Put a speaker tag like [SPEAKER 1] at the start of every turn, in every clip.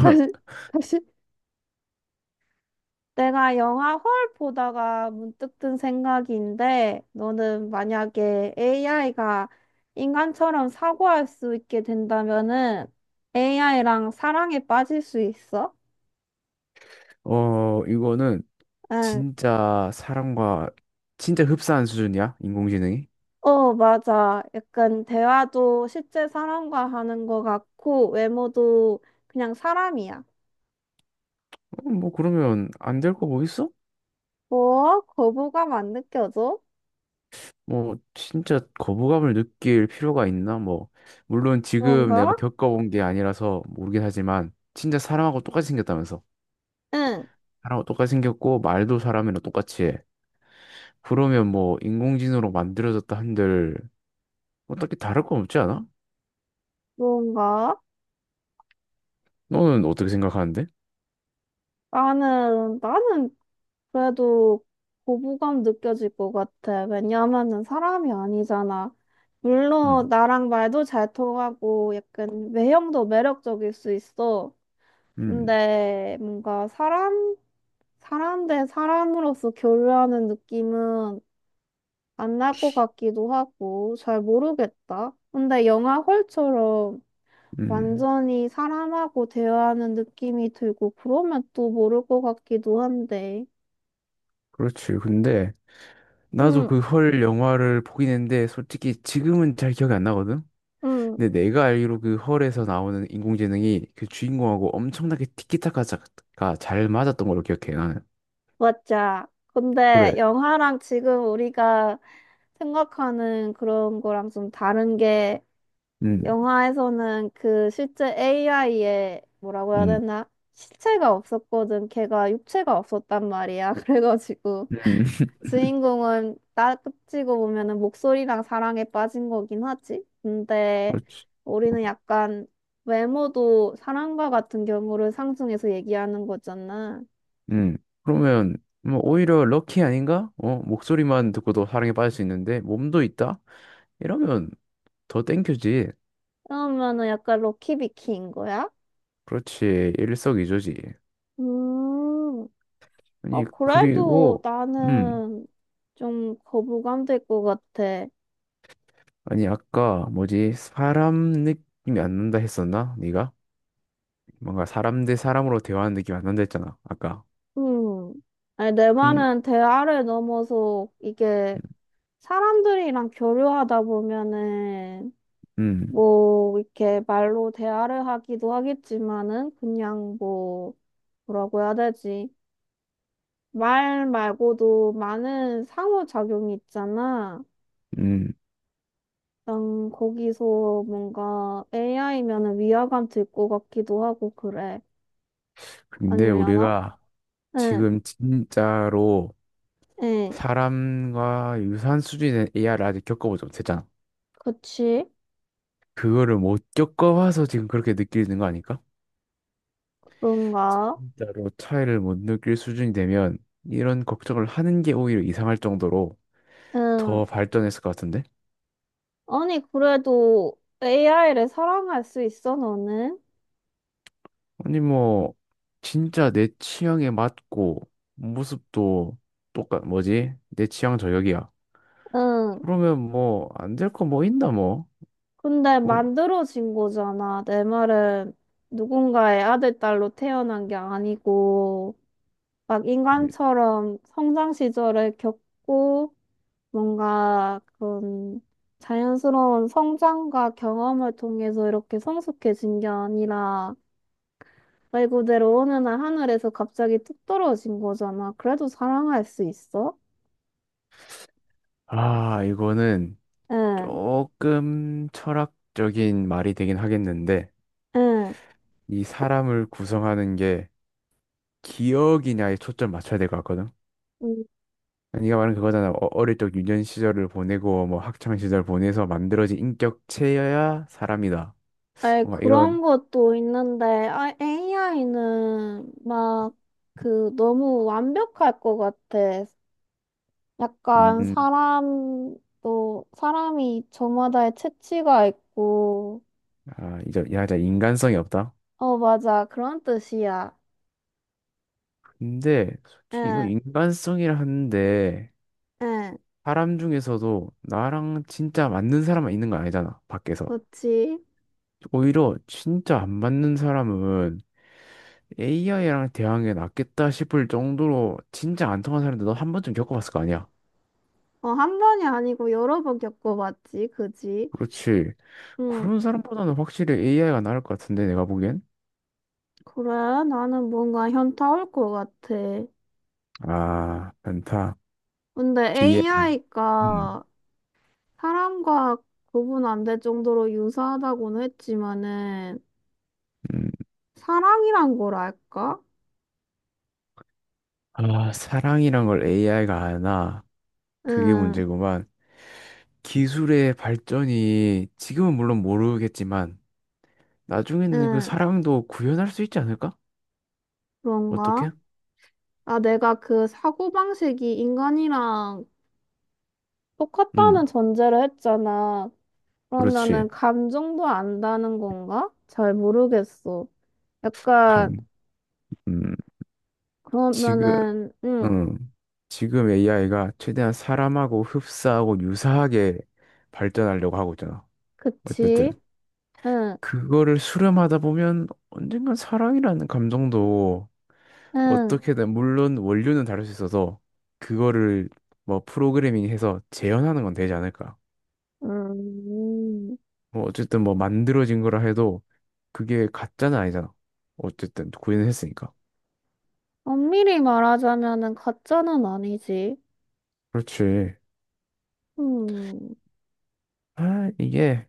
[SPEAKER 1] 다시, 다시. 내가 영화 헐 보다가 문득 든 생각인데, 너는 만약에 AI가 인간처럼 사고할 수 있게 된다면은 AI랑 사랑에 빠질 수 있어?
[SPEAKER 2] 이거는
[SPEAKER 1] 응.
[SPEAKER 2] 진짜 사람과 진짜 흡사한 수준이야, 인공지능이?
[SPEAKER 1] 어, 맞아. 약간 대화도 실제 사람과 하는 것 같고, 외모도 그냥 사람이야.
[SPEAKER 2] 뭐 그러면 안 될 거 뭐 있어?
[SPEAKER 1] 뭐? 거부감 안 느껴져?
[SPEAKER 2] 뭐 진짜 거부감을 느낄 필요가 있나? 뭐 물론 지금
[SPEAKER 1] 뭔가?
[SPEAKER 2] 내가 겪어본 게 아니라서 모르긴 하지만 진짜 사람하고 똑같이 생겼다면서.
[SPEAKER 1] 응.
[SPEAKER 2] 사람하고 똑같이 생겼고 말도 사람이랑 똑같이 해. 그러면 뭐 인공지능으로 만들어졌다 한들 뭐 딱히 다를 건 없지 않아?
[SPEAKER 1] 뭔가?
[SPEAKER 2] 너는 어떻게 생각하는데?
[SPEAKER 1] 나는 그래도 고부감 느껴질 것 같아. 왜냐하면은 사람이 아니잖아. 물론
[SPEAKER 2] 음,
[SPEAKER 1] 나랑 말도 잘 통하고 약간 외형도 매력적일 수 있어.
[SPEAKER 2] 음,
[SPEAKER 1] 근데 뭔가 사람 대 사람으로서 교류하는 느낌은 안 날 것 같기도 하고 잘 모르겠다. 근데 영화 홀처럼
[SPEAKER 2] 음.
[SPEAKER 1] 완전히 사람하고 대화하는 느낌이 들고 그러면 또 모를 것 같기도 한데.
[SPEAKER 2] 그렇지. 근데 나도
[SPEAKER 1] 음.
[SPEAKER 2] 그 헐 영화를 보긴 했는데 솔직히 지금은 잘 기억이 안 나거든.
[SPEAKER 1] 음.
[SPEAKER 2] 근데 내가 알기로 그 헐에서 나오는 인공지능이 그 주인공하고 엄청나게 티키타카가 잘 맞았던 걸로 기억해 나는.
[SPEAKER 1] 맞아. 근데
[SPEAKER 2] 그래.
[SPEAKER 1] 영화랑 지금 우리가 생각하는 그런 거랑 좀 다른 게
[SPEAKER 2] 음,
[SPEAKER 1] 영화에서는 그 실제 AI의 뭐라고 해야
[SPEAKER 2] 음, 음,
[SPEAKER 1] 되나? 실체가 없었거든. 걔가 육체가 없었단 말이야. 그래가지고 주인공은 따지고 보면은 목소리랑 사랑에 빠진 거긴 하지. 근데
[SPEAKER 2] 그렇지.
[SPEAKER 1] 우리는 약간 외모도 사랑과 같은 경우를 상승해서 얘기하는 거잖아.
[SPEAKER 2] 음. 그러면 뭐 오히려 럭키 아닌가? 어 목소리만 듣고도 사랑에 빠질 수 있는데 몸도 있다? 이러면 더 땡큐지.
[SPEAKER 1] 그러면은 약간 럭키비키인 거야?
[SPEAKER 2] 그렇지 일석이조지.
[SPEAKER 1] 음, 어,
[SPEAKER 2] 아니
[SPEAKER 1] 그래도
[SPEAKER 2] 그리고 음,
[SPEAKER 1] 나는 좀 거부감 될 것 같아.
[SPEAKER 2] 아니 아까 뭐지 사람 느낌이 안 난다 했었나? 네가 뭔가 사람 대 사람으로 대화하는 느낌이 안 난다 했잖아 아까.
[SPEAKER 1] 음, 아니, 내
[SPEAKER 2] 근
[SPEAKER 1] 말은 대화를 넘어서 이게 사람들이랑 교류하다 보면은
[SPEAKER 2] 음,
[SPEAKER 1] 뭐 이렇게 말로 대화를 하기도 하겠지만은 그냥 뭐 뭐라고 해야 되지? 말 말고도 많은 상호작용이 있잖아.
[SPEAKER 2] 음.
[SPEAKER 1] 난 거기서 뭔가 AI면은 위화감 들 것 같기도 하고 그래.
[SPEAKER 2] 근데
[SPEAKER 1] 아니려나?
[SPEAKER 2] 우리가
[SPEAKER 1] 응,
[SPEAKER 2] 지금 진짜로
[SPEAKER 1] 응,
[SPEAKER 2] 사람과 유사한 수준의 AI를 아직 겪어보지 못했잖아.
[SPEAKER 1] 그치?
[SPEAKER 2] 그거를 못 겪어봐서 지금 그렇게 느끼는 거 아닐까?
[SPEAKER 1] 그런가?
[SPEAKER 2] 진짜로 차이를 못 느낄 수준이 되면 이런 걱정을 하는 게 오히려 이상할 정도로
[SPEAKER 1] 응.
[SPEAKER 2] 더 발전했을 것 같은데?
[SPEAKER 1] 아니, 그래도 AI를 사랑할 수 있어, 너는?
[SPEAKER 2] 아니 뭐 진짜 내 취향에 맞고 모습도 똑같 뭐지? 내 취향 저격이야.
[SPEAKER 1] 응.
[SPEAKER 2] 그러면 뭐 안 될 거 뭐 있나 뭐?
[SPEAKER 1] 근데
[SPEAKER 2] 뭐
[SPEAKER 1] 만들어진 거잖아. 내 말은 누군가의 아들, 딸로 태어난 게 아니고, 막 인간처럼 성장 시절을 겪고, 뭔가 그런 자연스러운 성장과 경험을 통해서 이렇게 성숙해진 게 아니라 말 그대로 어느 날 하늘에서 갑자기 뚝 떨어진 거잖아. 그래도 사랑할 수 있어?
[SPEAKER 2] 아, 이거는
[SPEAKER 1] 응,
[SPEAKER 2] 조금 철학적인 말이 되긴 하겠는데
[SPEAKER 1] 응.
[SPEAKER 2] 이 사람을 구성하는 게 기억이냐에 초점 맞춰야 될 것 같거든.
[SPEAKER 1] 음,
[SPEAKER 2] 네가 말한 그거잖아. 어릴 적 유년 시절을 보내고 뭐 학창 시절 보내서 만들어진 인격체여야 사람이다.
[SPEAKER 1] 아니,
[SPEAKER 2] 뭔가 이런
[SPEAKER 1] 그런 것도 있는데 AI는 막 그 너무 완벽할 것 같아. 약간
[SPEAKER 2] 음,
[SPEAKER 1] 사람도 사람이 저마다의 체취가 있고
[SPEAKER 2] 아, 이제 야자 인간성이 없다.
[SPEAKER 1] 어 맞아 그런 뜻이야.
[SPEAKER 2] 근데 솔직히 이거
[SPEAKER 1] 응,
[SPEAKER 2] 인간성이라 하는데
[SPEAKER 1] 응,
[SPEAKER 2] 사람 중에서도 나랑 진짜 맞는 사람만 있는 거 아니잖아. 밖에서.
[SPEAKER 1] 그치.
[SPEAKER 2] 오히려 진짜 안 맞는 사람은 AI랑 대항하는 게 낫겠다 싶을 정도로 진짜 안 통한 사람들 너한 번쯤 겪어봤을 거 아니야.
[SPEAKER 1] 어, 한 번이 아니고 여러 번 겪어봤지, 그지?
[SPEAKER 2] 그렇지.
[SPEAKER 1] 응,
[SPEAKER 2] 그런 사람보다는 확실히 AI가 나을 것 같은데 내가 보기엔.
[SPEAKER 1] 그래. 나는 뭔가 현타 올 것 같아.
[SPEAKER 2] 아, 많다.
[SPEAKER 1] 근데
[SPEAKER 2] 기회. 음.
[SPEAKER 1] AI가 사람과 구분 안 될 정도로 유사하다고는 했지만은,
[SPEAKER 2] 음.
[SPEAKER 1] 사랑이란 걸 알까?
[SPEAKER 2] 아, 사랑이란 걸 AI가 아나. 그게
[SPEAKER 1] 응,
[SPEAKER 2] 문제구만. 기술의 발전이 지금은 물론 모르겠지만 나중에는 그
[SPEAKER 1] 응,
[SPEAKER 2] 사랑도 구현할 수 있지 않을까?
[SPEAKER 1] 그런가?
[SPEAKER 2] 어떻게?
[SPEAKER 1] 아, 내가 그 사고방식이 인간이랑 똑같다는
[SPEAKER 2] 음,
[SPEAKER 1] 전제를 했잖아. 그러면은
[SPEAKER 2] 그렇지.
[SPEAKER 1] 감정도 안다는 건가? 잘 모르겠어.
[SPEAKER 2] 감.
[SPEAKER 1] 약간
[SPEAKER 2] 음, 지금,
[SPEAKER 1] 그러면은 응,
[SPEAKER 2] 음, 지금 AI가 최대한 사람하고 흡사하고 유사하게 발전하려고 하고 있잖아. 어쨌든
[SPEAKER 1] 그치? 응,
[SPEAKER 2] 그거를 수렴하다 보면 언젠간 사랑이라는 감정도
[SPEAKER 1] 응,
[SPEAKER 2] 어떻게든 물론 원료는 다를 수 있어서 그거를 뭐 프로그래밍 해서 재현하는 건 되지 않을까?
[SPEAKER 1] 음. 음,
[SPEAKER 2] 뭐 어쨌든 뭐 만들어진 거라 해도 그게 가짜는 아니잖아. 어쨌든 구현을 했으니까.
[SPEAKER 1] 엄밀히 말하자면은 가짜는 아니지.
[SPEAKER 2] 그렇지.
[SPEAKER 1] 음,
[SPEAKER 2] 아, 이게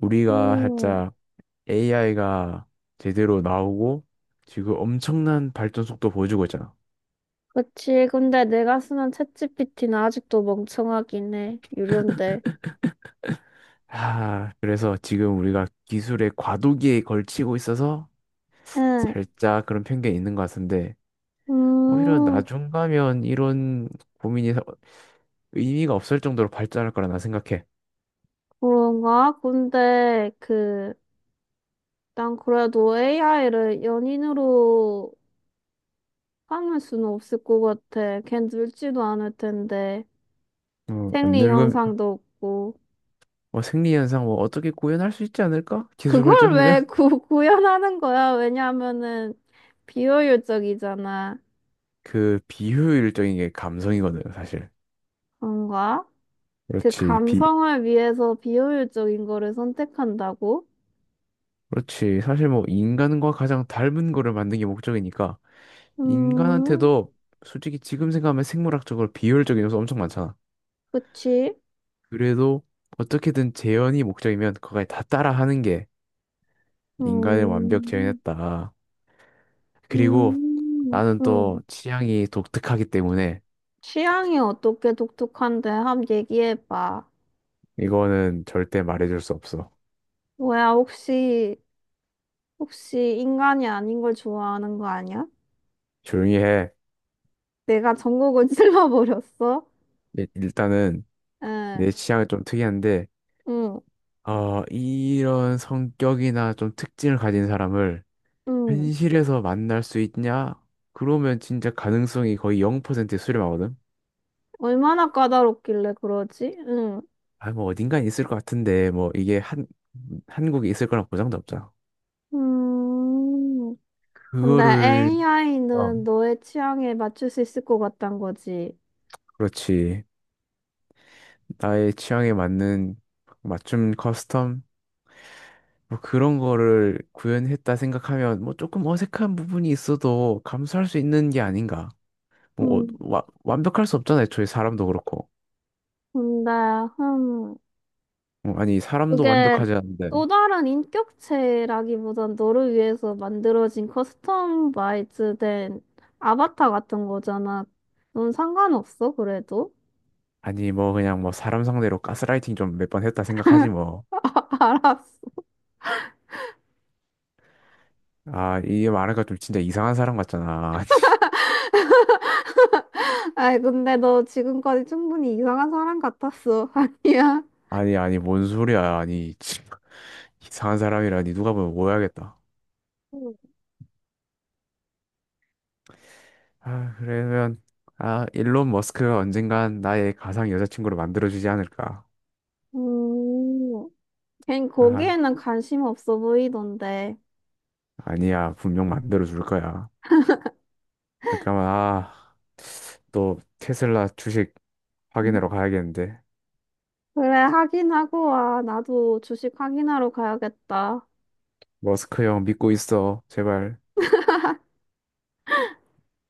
[SPEAKER 2] 우리가
[SPEAKER 1] 음,
[SPEAKER 2] 살짝 AI가 제대로 나오고 지금 엄청난 발전 속도 보여주고 있잖아.
[SPEAKER 1] 그치. 근데 내가 쓰는 챗GPT는 아직도 멍청하긴 해. 유료인데.
[SPEAKER 2] 아, 그래서 지금 우리가 기술의 과도기에 걸치고 있어서
[SPEAKER 1] 응,
[SPEAKER 2] 살짝 그런 편견이 있는 것 같은데 오히려
[SPEAKER 1] 음,
[SPEAKER 2] 나중 가면 이런 고민이 의미가 없을 정도로 발전할 거라 나 생각해.
[SPEAKER 1] 그런가? 근데 그 난 그래도 AI를 연인으로 까맬 수는 없을 것 같아. 걘 늙지도 않을 텐데.
[SPEAKER 2] 어, 안
[SPEAKER 1] 생리
[SPEAKER 2] 늙으면
[SPEAKER 1] 현상도 없고.
[SPEAKER 2] 뭐 생리 현상 뭐 어떻게 구현할 수 있지 않을까? 기술
[SPEAKER 1] 그걸 왜
[SPEAKER 2] 발전하면
[SPEAKER 1] 구현하는 거야? 왜냐면은 비효율적이잖아.
[SPEAKER 2] 그 비효율적인 게 감성이거든, 사실.
[SPEAKER 1] 그런가? 그
[SPEAKER 2] 그렇지. 비
[SPEAKER 1] 감성을 위해서 비효율적인 거를 선택한다고?
[SPEAKER 2] 그렇지. 사실 뭐 인간과 가장 닮은 거를 만든 게 목적이니까
[SPEAKER 1] 음,
[SPEAKER 2] 인간한테도 솔직히 지금 생각하면 생물학적으로 비효율적인 요소 엄청 많잖아.
[SPEAKER 1] 그치?
[SPEAKER 2] 그래도 어떻게든 재현이 목적이면 그걸 다 따라하는 게 인간을 완벽
[SPEAKER 1] 음,
[SPEAKER 2] 재현했다. 그리고
[SPEAKER 1] 음,
[SPEAKER 2] 나는 또
[SPEAKER 1] 음.
[SPEAKER 2] 취향이 독특하기 때문에
[SPEAKER 1] 취향이 어떻게 독특한데? 한번 얘기해봐.
[SPEAKER 2] 이거는 절대 말해줄 수 없어.
[SPEAKER 1] 뭐야, 혹시, 인간이 아닌 걸 좋아하는 거 아니야?
[SPEAKER 2] 조용히 해.
[SPEAKER 1] 내가 전국을 찔러버렸어?
[SPEAKER 2] 일단은
[SPEAKER 1] 응,
[SPEAKER 2] 내 취향이 좀 특이한데,
[SPEAKER 1] 응,
[SPEAKER 2] 어, 이런 성격이나 좀 특징을 가진 사람을
[SPEAKER 1] 응.
[SPEAKER 2] 현실에서 만날 수 있냐? 그러면 진짜 가능성이 거의 0%에 수렴하거든?
[SPEAKER 1] 얼마나 까다롭길래 그러지? 응.
[SPEAKER 2] 아, 뭐 어딘가에 있을 것 같은데, 뭐 이게 한, 한국에 있을 거란 보장도 없잖아.
[SPEAKER 1] 음, 근데
[SPEAKER 2] 그거를, 어.
[SPEAKER 1] AI는 너의 취향에 맞출 수 있을 것 같단 거지.
[SPEAKER 2] 그렇지. 나의 취향에 맞는 맞춤 커스텀? 뭐 그런 거를 구현했다 생각하면 뭐 조금 어색한 부분이 있어도 감수할 수 있는 게 아닌가. 뭐 어,
[SPEAKER 1] 음,
[SPEAKER 2] 완벽할 수 없잖아요. 저희 사람도 그렇고.
[SPEAKER 1] 근데, 음,
[SPEAKER 2] 어, 아니 사람도
[SPEAKER 1] 그게
[SPEAKER 2] 완벽하지 않은데.
[SPEAKER 1] 또 다른 인격체라기보단 너를 위해서 만들어진 커스텀 바이즈 된 아바타 같은 거잖아. 넌 상관없어, 그래도?
[SPEAKER 2] 아니 뭐 그냥 뭐 사람 상대로 가스라이팅 좀 몇 번 했다 생각하지 뭐.
[SPEAKER 1] 알았어.
[SPEAKER 2] 아 이게 말하니까 좀 진짜 이상한 사람 같잖아.
[SPEAKER 1] 아이, 근데 너 지금까지 충분히 이상한 사람 같았어. 아니야?
[SPEAKER 2] 아니 아니 뭔 소리야. 아니 참, 이상한 사람이라니 누가 보면 오해하겠다.
[SPEAKER 1] 음.
[SPEAKER 2] 아 그러면 아 일론 머스크가 언젠간 나의 가상 여자친구를 만들어주지 않을까.
[SPEAKER 1] 음, 걘
[SPEAKER 2] 아.
[SPEAKER 1] 거기에는 관심 없어 보이던데.
[SPEAKER 2] 아니야, 분명 만들어 줄 거야. 잠깐만, 아, 또 테슬라 주식 확인하러 가야겠는데.
[SPEAKER 1] 그래, 확인하고 와. 나도 주식 확인하러 가야겠다.
[SPEAKER 2] 머스크 형 믿고 있어, 제발.